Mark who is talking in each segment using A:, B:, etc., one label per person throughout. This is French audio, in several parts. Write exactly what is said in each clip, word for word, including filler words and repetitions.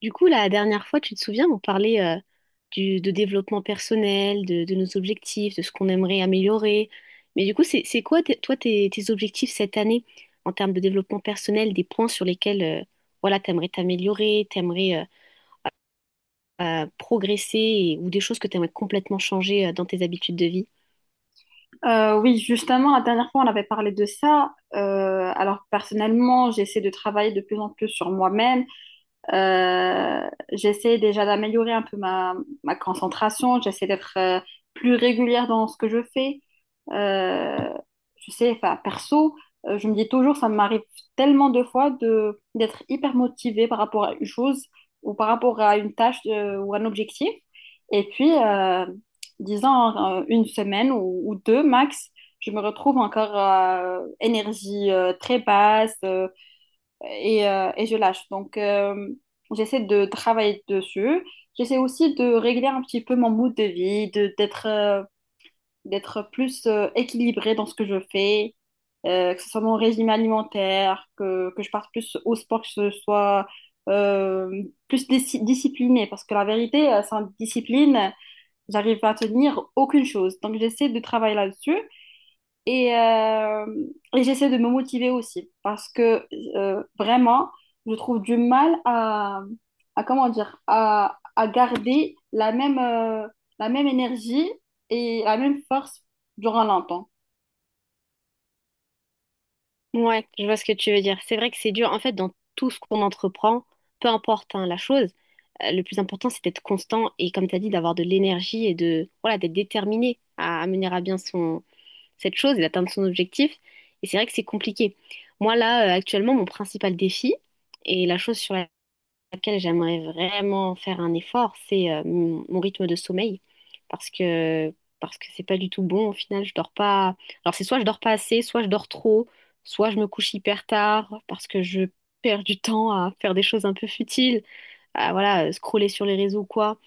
A: Du coup, la dernière fois, tu te souviens, on parlait euh, du, de développement personnel, de, de nos objectifs, de ce qu'on aimerait améliorer. Mais du coup, c'est, c'est quoi, tes- toi, tes, tes objectifs cette année en termes de développement personnel, des points sur lesquels euh, voilà, tu aimerais t'améliorer, tu aimerais progresser et- ou des choses que tu aimerais complètement changer euh, dans tes habitudes de vie?
B: Euh, oui, justement, la dernière fois, on avait parlé de ça. Euh, alors, personnellement, j'essaie de travailler de plus en plus sur moi-même. Euh, j'essaie déjà d'améliorer un peu ma, ma concentration, j'essaie d'être euh, plus régulière dans ce que je fais. Euh, je sais, enfin, perso, euh, je me dis toujours, ça m'arrive tellement de fois de, d'être hyper motivée par rapport à une chose ou par rapport à une tâche euh, ou un objectif. Et puis, euh, disons, euh, une semaine ou, ou deux max, je me retrouve encore euh, énergie euh, très basse. euh, et, euh, et je lâche. Donc, euh, j'essaie de travailler dessus. J'essaie aussi de régler un petit peu mon mood de vie, de, d'être, euh, d'être plus euh, équilibrée dans ce que je fais, euh, que ce soit mon régime alimentaire, que, que je parte plus au sport, que ce soit euh, plus disci- disciplinée. Parce que la vérité, euh, sans discipline, j'arrive pas à tenir aucune chose. Donc, j'essaie de travailler là-dessus. Et, euh, et j'essaie de me motiver aussi parce que euh, vraiment, je trouve du mal à, à comment dire, à, à garder la même, euh, la même énergie et la même force durant longtemps.
A: Ouais, je vois ce que tu veux dire. C'est vrai que c'est dur. En fait, dans tout ce qu'on entreprend, peu importe hein, la chose, euh, le plus important, c'est d'être constant et, comme tu as dit, d'avoir de l'énergie et de, voilà, d'être déterminé à, à mener à bien son, cette chose et d'atteindre son objectif. Et c'est vrai que c'est compliqué. Moi, là, euh, actuellement, mon principal défi et la chose sur laquelle j'aimerais vraiment faire un effort, c'est euh, mon mon rythme de sommeil. Parce que, parce que c'est pas du tout bon. Au final, je dors pas. Alors, c'est soit je dors pas assez, soit je dors trop, soit je me couche hyper tard parce que je perds du temps à faire des choses un peu futiles, à voilà, euh, scroller sur les réseaux ou quoi.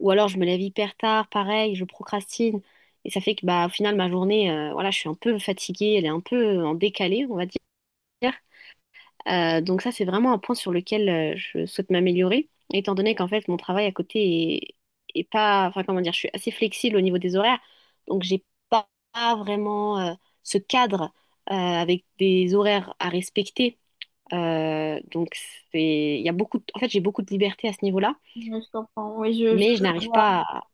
A: Ou alors, je me lève hyper tard, pareil, je procrastine. Et ça fait que, bah, au final, ma journée, euh, voilà, je suis un peu fatiguée, elle est un peu euh, en décalé, on va dire. Euh, donc ça, c'est vraiment un point sur lequel euh, je souhaite m'améliorer, étant donné qu'en fait, mon travail à côté est, est pas, enfin comment dire, je suis assez flexible au niveau des horaires, donc j'ai pas, pas vraiment euh, ce cadre euh, avec des horaires à respecter. Euh, donc c'est, il y a beaucoup de- en fait, j'ai beaucoup de liberté à ce niveau-là,
B: Ouais, je comprends, oui, je, je
A: mais je n'arrive pas à,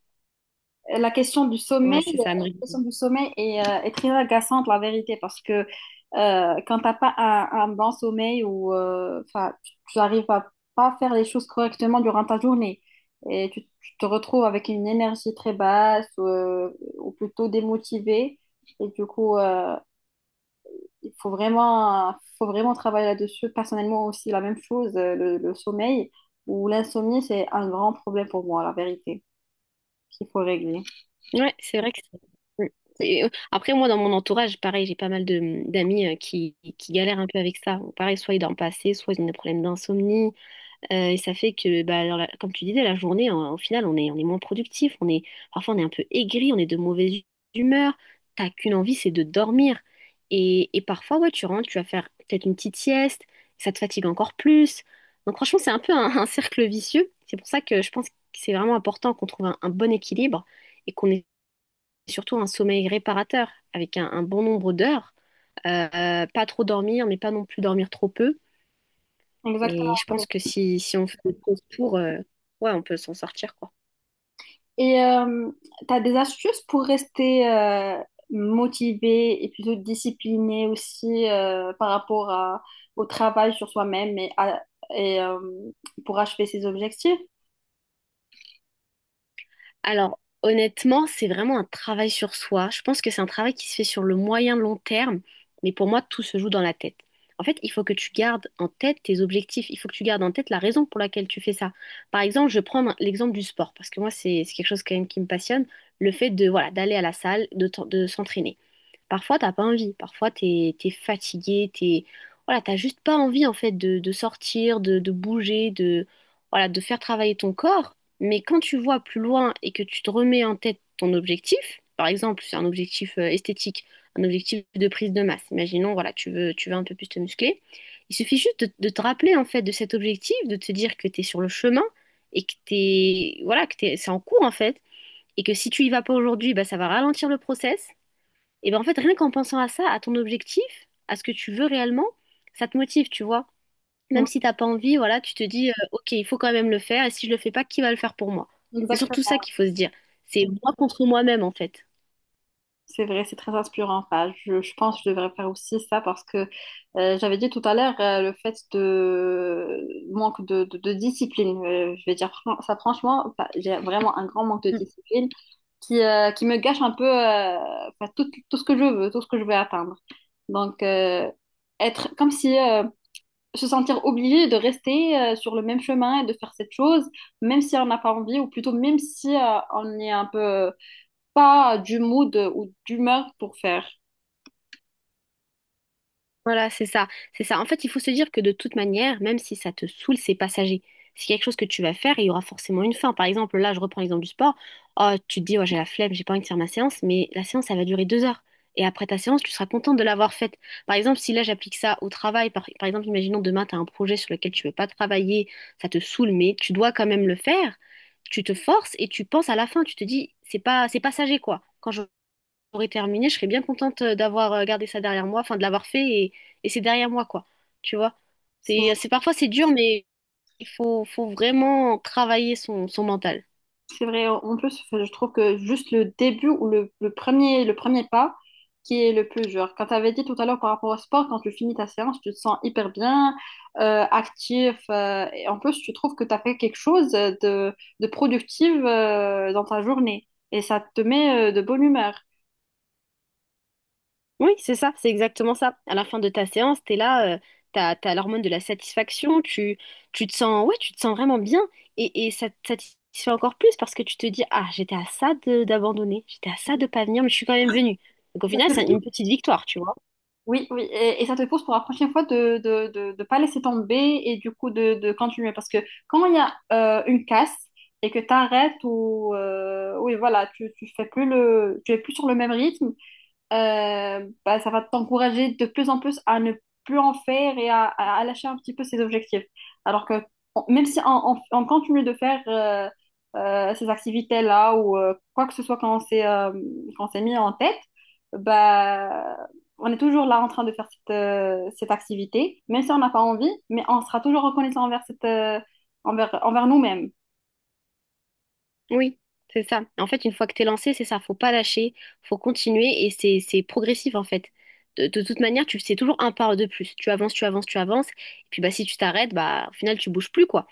B: la question du
A: ouais,
B: sommeil, euh,
A: c'est ça, à
B: la
A: me.
B: question du sommeil est, euh, est très agaçante, la vérité, parce que euh, quand t'as pas un, un bon sommeil ou euh, enfin, tu tu arrives à pas faire les choses correctement durant ta journée et tu, tu te retrouves avec une énergie très basse euh, ou plutôt démotivée. Et du coup, euh, il faut vraiment, faut vraiment travailler là-dessus. Personnellement aussi, la même chose, euh, le, le sommeil ou l'insomnie, c'est un grand problème pour moi, la vérité, qu'il faut régler.
A: Ouais, c'est vrai que c'est- mm. C'est- Après, moi, dans mon entourage, pareil, j'ai pas mal de mmh, d'amis euh, qui, qui galèrent un peu avec ça. Bon, pareil, soit ils dorment pas assez, soit ils ont des problèmes d'insomnie. Euh, et ça fait que, bah, alors, la- comme tu disais, la journée, en- au final, on est, on est moins productif. On est, parfois, on est un peu aigri, on est de mauvaise hu- humeur. T'as qu'une envie, c'est de dormir. Et, et parfois, ouais, tu rentres, tu vas faire peut-être une petite sieste. Ça te fatigue encore plus. Donc, franchement, c'est un peu un, un cercle vicieux. C'est pour ça que je pense que c'est vraiment important qu'on trouve un un bon équilibre et qu'on surtout un sommeil réparateur avec un, un bon nombre d'heures. Euh, pas trop dormir, mais pas non plus dormir trop peu. Et je
B: Exactement.
A: pense que si, si on fait des pauses pour, euh, ouais, on peut s'en sortir, quoi.
B: Et euh, tu as des astuces pour rester euh, motivé et plutôt discipliné aussi euh, par rapport à- au travail sur soi-même et, à- et euh, pour achever ses objectifs?
A: Alors, honnêtement, c'est vraiment un travail sur soi. Je pense que c'est un travail qui se fait sur le moyen long terme, mais pour moi, tout se joue dans la tête. En fait, il faut que tu gardes en tête tes objectifs, il faut que tu gardes en tête la raison pour laquelle tu fais ça. Par exemple, je prends un- l'exemple du sport, parce que moi, c'est c'est quelque chose quand même qui me passionne, le fait de, voilà, d'aller à la salle, de, t- de s'entraîner. Parfois, t'as pas envie. Parfois, t'es, t'es fatigué, t'es, voilà, t'as juste pas envie, en fait, de, de sortir, de, de bouger, de, voilà, de faire travailler ton corps. Mais quand tu vois plus loin et que tu te remets en tête ton objectif, par exemple, c'est un objectif euh, esthétique, un objectif de prise de masse. Imaginons, voilà, tu veux, tu veux un peu plus te muscler. Il suffit juste de, de te rappeler, en fait, de cet objectif, de te dire que t'es sur le chemin et que t'es, voilà, que t'es, c'est en cours, en fait. Et que si tu y vas pas aujourd'hui, bah, ça va ralentir le process. Et ben en fait, rien qu'en pensant à ça, à ton objectif, à ce que tu veux réellement, ça te motive, tu vois.
B: Oui,
A: Même si t'as pas envie, voilà, tu te dis, euh, ok, il faut quand même le faire, et si je le fais pas, qui va le faire pour moi? C'est surtout ça
B: exactement.
A: qu'il faut se dire. C'est moi contre moi-même, en fait.
B: C'est vrai, c'est très inspirant. Enfin, je, je pense que je devrais faire aussi ça parce que euh, j'avais dit tout à l'heure euh, le fait de manque de, de- de discipline. Euh, je vais dire fran- ça franchement, enfin, j'ai vraiment un grand manque de discipline. qui, euh, qui me gâche un peu euh, enfin, tout, tout ce que je veux, tout ce que je veux atteindre. Donc, euh, être comme si euh, se sentir obligé de rester euh, sur le même chemin et de faire cette chose, même si on n'a pas envie, ou plutôt même si euh, on est un peu pas du mood ou d'humeur pour faire.
A: Voilà, c'est ça, c'est ça. En fait, il faut se dire que de toute manière, même si ça te saoule, c'est passager. C'est quelque chose que tu vas faire et il y aura forcément une fin. Par exemple, là, je reprends l'exemple du sport. Oh, tu te dis, ouais, j'ai la flemme, j'ai pas envie de faire ma séance, mais la séance, elle va durer deux heures. Et après ta séance, tu seras contente de l'avoir faite. Par exemple, si là, j'applique ça au travail, par, par exemple, imaginons demain, tu as un projet sur lequel tu veux pas travailler, ça te saoule, mais tu dois quand même le faire. Tu te forces et tu penses à la fin, tu te dis, c'est pas, c'est passager, quoi. Quand je j'aurais terminé, je serais bien contente d'avoir euh, gardé ça derrière moi, enfin de l'avoir fait et, et c'est derrière moi quoi. Tu vois?
B: C'est
A: C'est, c'est parfois c'est dur, mais il faut, faut vraiment travailler son, son mental.
B: C'est vrai, en plus, enfin, je trouve que juste le début ou le, le premier, le premier pas qui est le plus dur. Quand tu avais dit tout à l'heure par rapport au sport, quand tu finis ta séance, tu te sens hyper bien, euh, actif, euh, et en plus, tu trouves que tu as fait quelque chose de, de productif euh, dans ta journée, et ça te met euh, de bonne humeur.
A: Oui, c'est ça, c'est exactement ça. À la fin de ta séance, t'es là, euh, t'as, t'as l'hormone de la satisfaction, tu, tu te sens, ouais, tu te sens vraiment bien et, et ça te satisfait encore plus parce que tu te dis, ah, j'étais à ça de- d'abandonner, j'étais à ça de pas venir, mais je suis quand même venue. Donc au final, c'est une petite victoire, tu vois.
B: Oui, oui, et, et ça te pousse pour la prochaine fois de de, de, de pas laisser tomber et du coup de, de continuer. Parce que quand il y a euh, une casse et que tu arrêtes ou euh, oui, voilà, tu, tu fais plus le, tu es plus sur le même rythme, euh, bah, ça va t'encourager de plus en plus à ne plus en faire et à, à- à lâcher un petit peu ses objectifs. Alors que on- même si on, on- on continue de faire euh, euh, ces activités-là ou euh, quoi que ce soit qu'on s'est euh, qu'on s'est mis en tête, bah, on est toujours là en train de faire cette, euh, cette activité, même si on n'a pas envie, mais on sera toujours reconnaissant envers, cette, euh, envers, envers nous-mêmes.
A: Oui, c'est ça. En fait, une fois que t'es lancé, c'est ça, faut pas lâcher, faut continuer et c'est c'est progressif en fait. De, de toute manière, tu c'est toujours un pas de plus. Tu avances, tu avances, tu avances. Et puis bah si tu t'arrêtes, bah au final tu bouges plus quoi.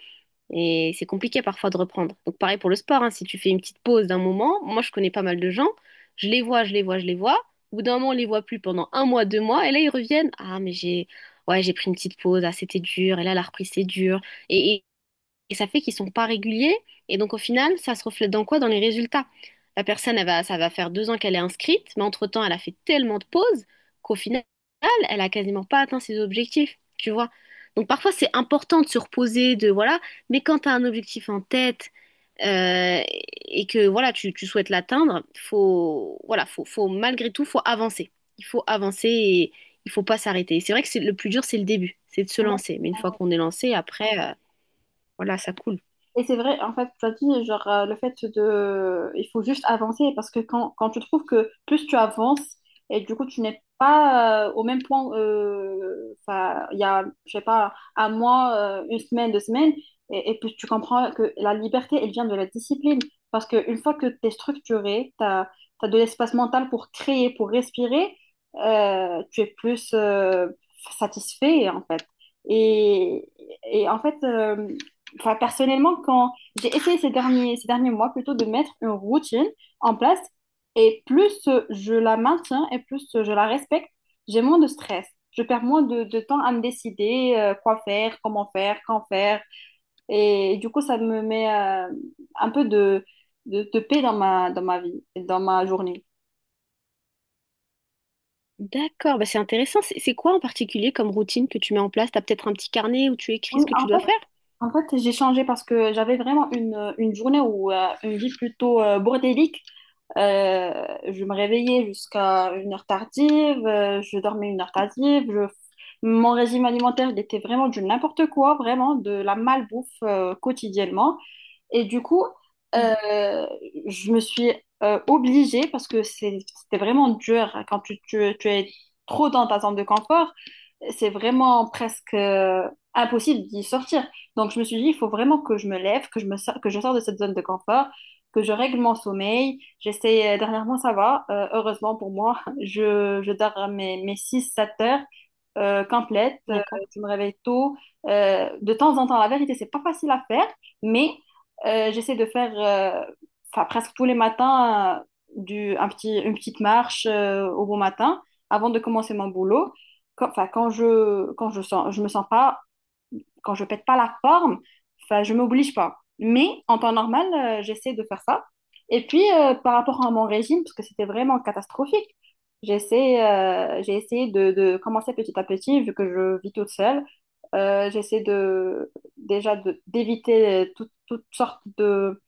A: Et c'est compliqué parfois de reprendre. Donc pareil pour le sport, hein, si tu fais une petite pause d'un moment, moi je connais pas mal de gens, je les vois, je les vois, je les vois. Au bout d'un moment, on les voit plus pendant un mois, deux mois, et là ils reviennent. Ah mais j'ai ouais j'ai pris une petite pause, ah c'était dur, et là la reprise c'est dur. Et ça fait qu'ils sont pas réguliers. Et donc, au final, ça se reflète dans quoi? Dans les résultats. La personne, elle va, ça va faire deux ans qu'elle est inscrite, mais entre-temps, elle a fait tellement de pauses qu'au final, elle a quasiment pas atteint ses objectifs, tu vois. Donc, parfois, c'est important de se reposer, de voilà. Mais quand tu as un objectif en tête euh, et que voilà, tu, tu souhaites l'atteindre, faut voilà, faut, faut malgré tout, faut avancer. Il faut avancer et il faut pas s'arrêter. Et c'est vrai que c'est le plus dur, c'est le début, c'est de se lancer. Mais une fois qu'on est lancé, après, euh, voilà, ça coule.
B: Et c'est vrai, en fait, tu as dit, genre, euh, le fait de... Il faut juste avancer parce que quand, quand tu trouves que plus tu avances et du coup, tu n'es pas euh, au même point, euh, enfin, il y a, je sais pas, un mois, euh, une semaine, deux semaines, et, et puis tu comprends que la liberté, elle vient de la discipline. Parce qu'une fois que tu es structuré, tu as, de l'espace mental pour créer, pour respirer, euh, tu es plus euh, satisfait, en fait. Et, et en fait... euh, Enfin, personnellement, quand j'ai essayé ces derniers, ces derniers mois plutôt de mettre une routine en place, et plus euh, je la maintiens et plus euh, je la respecte, j'ai moins de stress. Je perds moins de, de temps à me décider euh, quoi faire, comment faire, quand faire. Et, du coup, ça me met euh, un peu de, de, de paix dans ma, dans ma vie, et dans ma journée.
A: D'accord, bah c'est intéressant. C'est c'est quoi en particulier comme routine que tu mets en place? T'as peut-être un petit carnet où tu écris
B: Oui,
A: ce que
B: en
A: tu dois
B: fait,
A: faire?
B: en fait j'ai changé parce que j'avais vraiment une, une journée ou euh, une vie plutôt euh, bordélique. Euh, je me réveillais jusqu'à une heure tardive, euh, je dormais une heure tardive, je- mon régime alimentaire, il était vraiment du n'importe quoi, vraiment de la malbouffe euh, quotidiennement. Et du coup,
A: Mhm.
B: euh, je me suis euh, obligée, parce que c'est- c'était vraiment dur hein, quand tu, tu- tu es trop dans ta zone de confort, c'est vraiment presque euh, impossible d'y sortir. Donc je me suis dit, il faut vraiment que je me lève, que je me sors, que je sors de cette zone de confort, que je règle mon sommeil. J'essaie, euh, dernièrement, ça va, euh, heureusement pour moi, je, je dors mes, mes six sept heures euh, complètes, euh,
A: D'accord.
B: je me réveille tôt. Euh, de temps en temps, la vérité, c'est pas facile à faire. Mais euh, j'essaie de faire euh, enfin, presque tous les matins euh, du, un petit, une petite marche euh, au bon matin avant de commencer mon boulot. Quand, enfin, quand je, quand je sens, je me sens pas quand je pète pas la forme, enfin, je m'oblige pas. Mais en temps normal, euh, j'essaie de faire ça. Et puis, euh, par rapport à mon régime, parce que c'était vraiment catastrophique, j'essaie, euh, j'ai essayé de, de commencer petit à petit, vu que je vis toute seule. Euh, j'essaie de, déjà de- d'éviter euh, tout- toutes sortes de,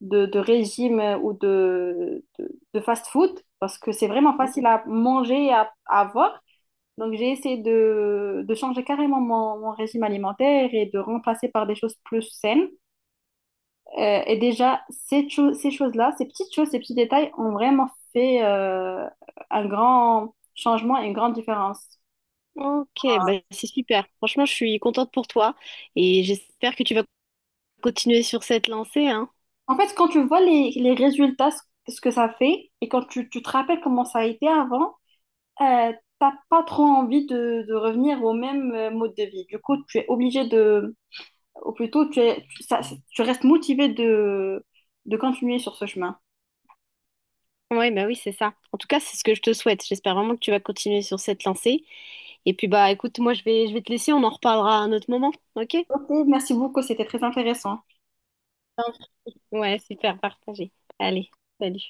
B: de, de régimes euh, ou de, de, de fast-food, parce que c'est vraiment facile à manger et à, à avoir. Donc, j'ai essayé de, de changer carrément mon, mon régime alimentaire et de remplacer par des choses plus saines. Euh, et déjà, ces, cho- ces choses-là, ces petites choses, ces petits détails ont vraiment fait euh, un grand changement et une grande différence.
A: Ok, bah c'est super. Franchement, je suis contente pour toi et j'espère que tu vas continuer sur cette lancée, hein.
B: En fait, quand tu vois les, les résultats, ce, ce que ça fait, et quand tu, tu te rappelles comment ça a été avant, euh, t'as pas trop envie de, de revenir au même euh, mode de vie. Du coup, tu es obligé de ou plutôt tu, es, tu, ça- tu restes motivé de, de continuer sur ce chemin.
A: Ouais, bah oui, c'est ça. En tout cas, c'est ce que je te souhaite. J'espère vraiment que tu vas continuer sur cette lancée. Et puis, bah, écoute, moi, je vais, je vais te laisser. On en reparlera à un autre moment. OK?
B: Ok, merci beaucoup, c'était très intéressant.
A: Enfin, ouais, super, partagé. Allez, salut.